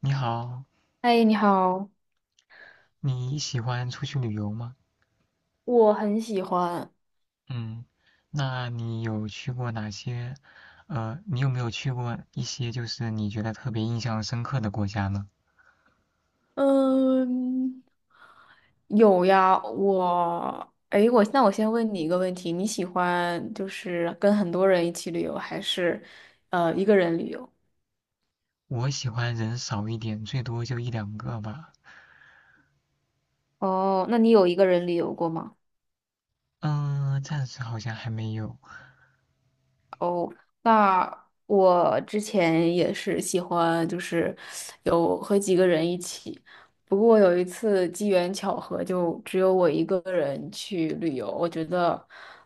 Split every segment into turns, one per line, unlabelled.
你好。
嗨，你好，
你喜欢出去旅游吗？
我很喜欢。
嗯。那你有去过哪些？你有没有去过一些就是你觉得特别印象深刻的国家呢？
嗯，有呀，我，哎，我那我先问你一个问题，你喜欢就是跟很多人一起旅游，还是一个人旅游？
我喜欢人少一点，最多就一两个吧。
哦，那你有一个人旅游过吗？
嗯，暂时好像还没有。
那我之前也是喜欢，就是有和几个人一起。不过有一次机缘巧合，就只有我一个人去旅游，我觉得，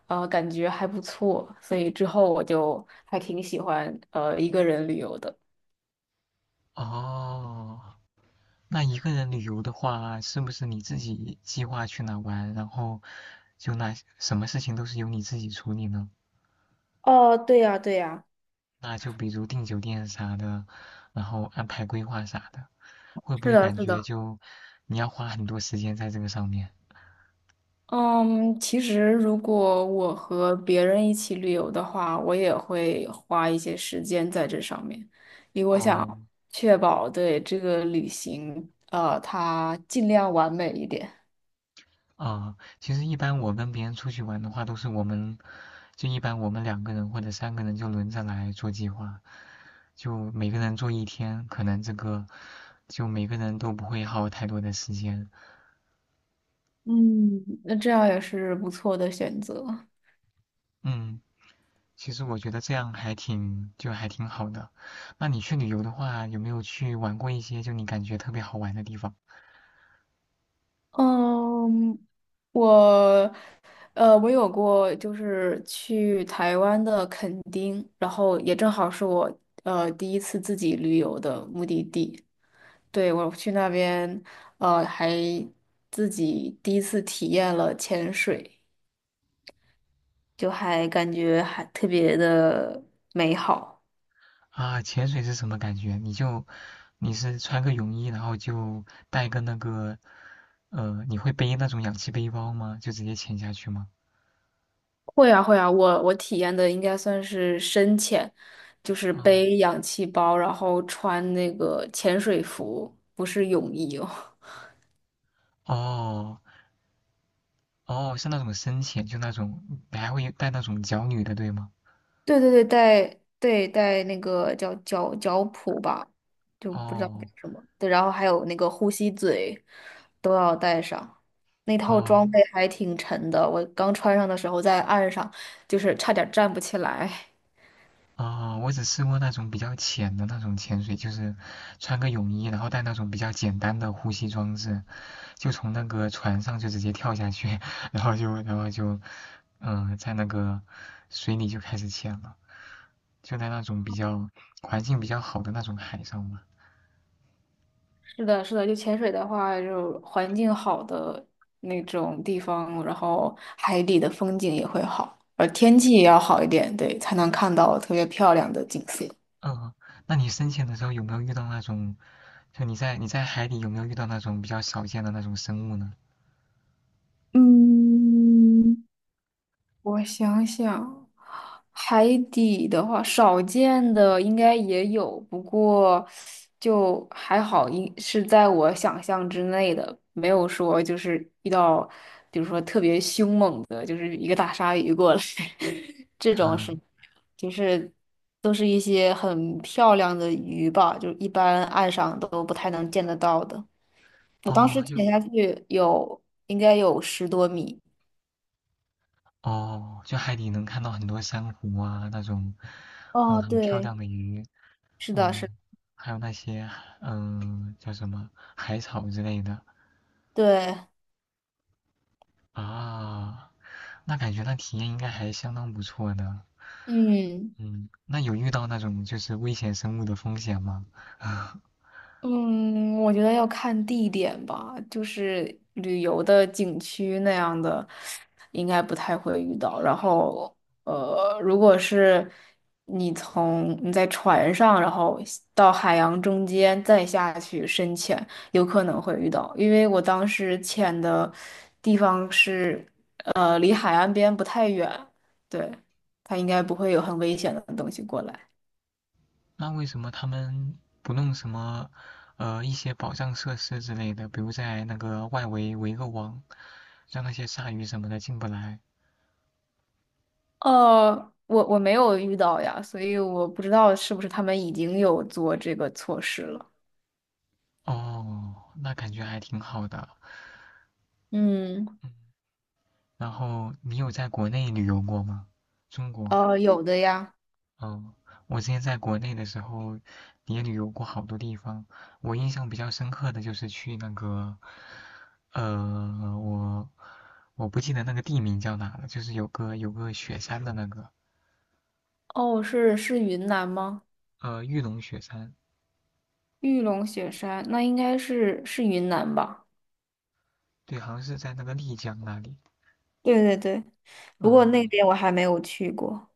感觉还不错，所以之后我就还挺喜欢，一个人旅游的。
哦，那一个人旅游的话，是不是你自己计划去哪玩，然后就那什么事情都是由你自己处理呢？
哦，对呀，对呀。
那就比如订酒店啥的，然后安排规划啥的。会不
是
会
的，
感
是
觉
的。
就你要花很多时间在这个上面？
嗯，其实如果我和别人一起旅游的话，我也会花一些时间在这上面，因为我
哦。
想确保对这个旅行，它尽量完美一点。
啊，其实一般我跟别人出去玩的话，都是我们就一般我们两个人或者三个人就轮着来做计划，就每个人做一天，可能这个就每个人都不会耗太多的时间。
嗯，那这样也是不错的选择。
嗯，其实我觉得这样还挺好的。那你去旅游的话，有没有去玩过一些就你感觉特别好玩的地方？
嗯，我，我有过就是去台湾的垦丁，然后也正好是我第一次自己旅游的目的地。对，我去那边，呃，还自己第一次体验了潜水，就还感觉还特别的美好。
啊，潜水是什么感觉？你是穿个泳衣，然后就带个那个，你会背那种氧气背包吗？就直接潜下去吗？
会啊，会啊，我体验的应该算是深潜，就是
哦
背氧气包，然后穿那个潜水服，不是泳衣哦。
哦哦，是那种深潜，就那种，你还会带那种脚蹼的，对吗？
对对对，带对带那个叫脚蹼吧，就不知道叫
哦
什么。对，然后还有那个呼吸嘴都要带上。那套
哦，
装备还挺沉的，我刚穿上的时候在岸上就是差点站不起来。
啊、我只试过那种比较浅的那种潜水，就是穿个泳衣，然后带那种比较简单的呼吸装置，就从那个船上就直接跳下去。然后就然后就，在那个水里就开始潜了，就在那种环境比较好的那种海上嘛。
是的，是的，就潜水的话，就环境好的那种地方，然后海底的风景也会好，而天气也要好一点，对，才能看到特别漂亮的景色。
嗯，那你深潜的时候有没有遇到那种，就你在海底有没有遇到那种比较少见的那种生物呢？
嗯，我想想，海底的话，少见的应该也有，不过就还好，一是在我想象之内的，没有说就是遇到，比如说特别凶猛的，就是一个大鲨鱼过来，这种是，
嗯，
就是都是一些很漂亮的鱼吧，就一般岸上都不太能见得到的。我当时
哦，
潜下去有，应该有十多米。
哦，就海底能看到很多珊瑚啊，那种，嗯，
哦，
很漂
对，
亮的鱼。
是的，
嗯，
是的。
还有那些，叫什么海草之类的
对，
啊。那感觉那体验应该还相当不错的。
嗯
嗯，那有遇到那种就是危险生物的风险吗？啊，
嗯，我觉得要看地点吧，就是旅游的景区那样的，应该不太会遇到。然后，如果是你在船上，然后到海洋中间再下去深潜，有可能会遇到。因为我当时潜的地方是，离海岸边不太远，对，它应该不会有很危险的东西过来。
那为什么他们不弄什么，一些保障设施之类的，比如在那个外围围个网，让那些鲨鱼什么的进不来？
呃，我没有遇到呀，所以我不知道是不是他们已经有做这个措施了。
哦，那感觉还挺好的。
嗯，
嗯，然后你有在国内旅游过吗？中国？
有的呀。
嗯，我之前在国内的时候也旅游过好多地方。我印象比较深刻的就是去那个，呃，我我不记得那个地名叫哪了，就是有个雪山的那个，
哦，是是云南吗？
玉龙雪山。
玉龙雪山，那应该是是云南吧？
对，好像是在那个丽江那里。
对对对，不过那
嗯，
边我还没有去过。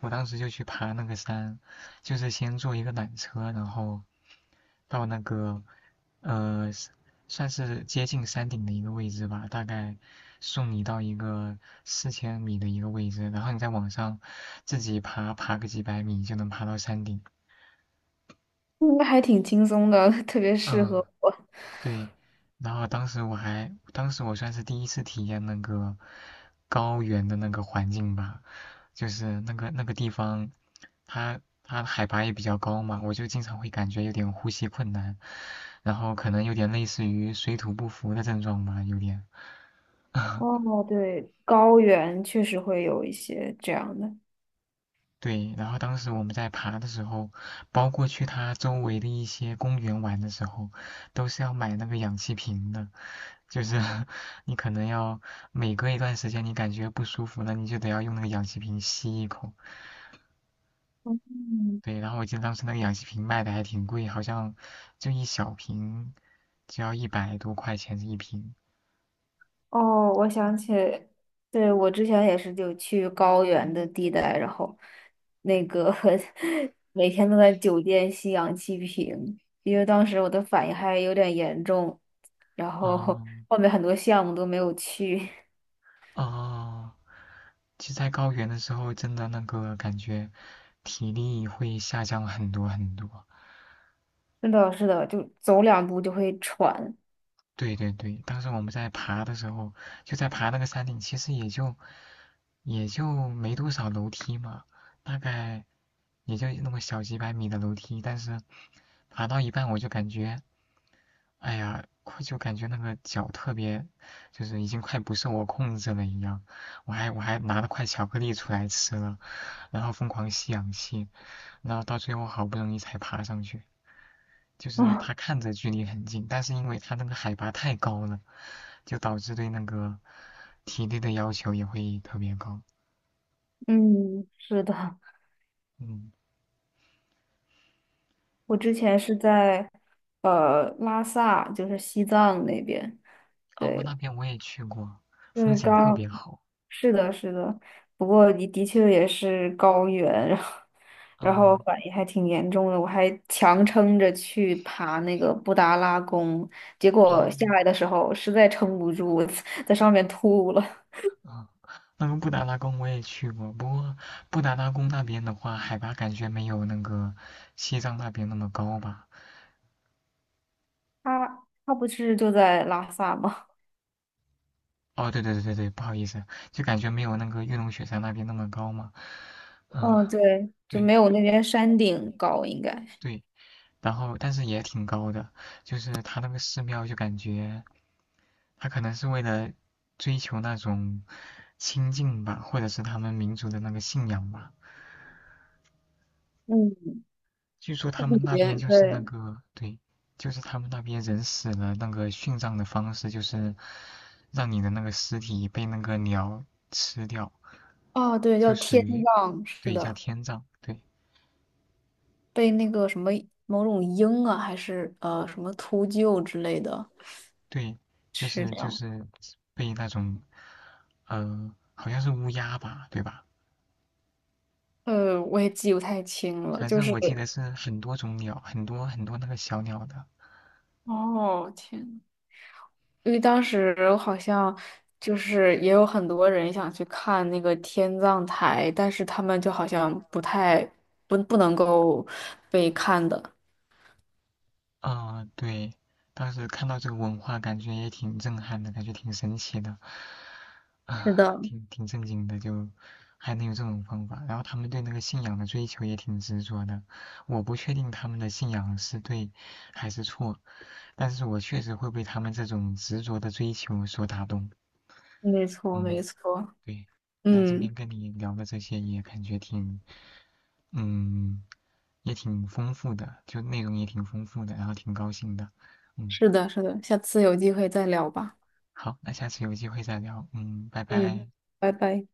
我当时就去爬那个山，就是先坐一个缆车，然后到那个呃，算是接近山顶的一个位置吧，大概送你到一个4000米的一个位置，然后你再往上自己爬，爬个几百米就能爬到山顶。
应该还挺轻松的，特别适合
嗯，
我。
对。然后当时我算是第一次体验那个高原的那个环境吧，就是那个地方，它海拔也比较高嘛，我就经常会感觉有点呼吸困难，然后可能有点类似于水土不服的症状吧，有点。
哦，对，高原确实会有一些这样的。
对，然后当时我们在爬的时候，包括去它周围的一些公园玩的时候，都是要买那个氧气瓶的。就是 你可能要每隔一段时间，你感觉不舒服了，你就得要用那个氧气瓶吸一口。
嗯。
对，然后我记得当时那个氧气瓶卖的还挺贵，好像就一小瓶就要100多块钱一瓶。
哦，我想起，对，我之前也是就去高原的地带，然后那个 每天都在酒店吸氧气瓶，因为当时我的反应还有点严重，然后后
哦
面很多项目都没有去。
哦，其实，在高原的时候，真的那个感觉体力会下降很多很多。
是的，是的，就走两步就会喘
对对对，当时我们在爬的时候，就在爬那个山顶，其实也就没多少楼梯嘛，大概也就那么小几百米的楼梯，但是爬到一半我就感觉哎呀，快就感觉那个脚特别，就是已经快不受我控制了一样。我还拿了块巧克力出来吃了，然后疯狂吸氧气，然后到最后好不容易才爬上去。就是
啊。
它看着距离很近，但是因为它那个海拔太高了，就导致对那个体力的要求也会特别高。
嗯，是的，
嗯，
我之前是在拉萨，就是西藏那边，
哦，
对，
那边我也去过，
就
风
是
景特
刚，
别好。
是的，是的，不过你的确也是高原，然后然后
嗯，
反应还挺严重的，我还强撑着去爬那个布达拉宫，结
哦，
果下来的时候实在撑不住，我 在上面吐了。
啊，那个布达拉宫我也去过，不过布达拉宫那边的话，海拔感觉没有那个西藏那边那么高吧？
他他不是就在拉萨吗？
哦，对对对对对，不好意思，就感觉没有那个玉龙雪山那边那么高嘛。嗯，
嗯，对，就
对
没有那边山顶高，应该。
对，然后但是也挺高的，就是它那个寺庙就感觉，它可能是为了追求那种清净吧，或者是他们民族的那个信仰吧，
嗯，
据说
它
他
里
们那边
边
就是那
对，
个，对，就是他们那边人死了，那个殉葬的方式就是让你的那个尸体被那个鸟吃掉，
哦，对，
就
叫
属
天
于，
葬，是
对，叫
的。
天葬。对
被那个什么某种鹰啊，还是什么秃鹫之类的
对，就
吃
是就
掉。
是被那种，好像是乌鸦吧，对吧？
我也记不太清了，
反
就
正
是
我记得是很多种鸟，很多很多那个小鸟的。
哦，天呐，因为当时好像就是也有很多人想去看那个天葬台，但是他们就好像不太不能够被看的。
啊，对，当时看到这个文化，感觉也挺震撼的，感觉挺神奇的，
是
啊，
的，
挺正经的，就还能有这种方法。然后他们对那个信仰的追求也挺执着的，我不确定他们的信仰是对还是错，但是我确实会被他们这种执着的追求所打动。
没错，
嗯。
没错。
对，那今
嗯，
天跟你聊的这些也感觉嗯，也挺丰富的，就内容也挺丰富的，然后挺高兴的。嗯，
是的，是的，下次有机会再聊吧。
好，那下次有机会再聊。嗯，拜
嗯，
拜。
拜拜。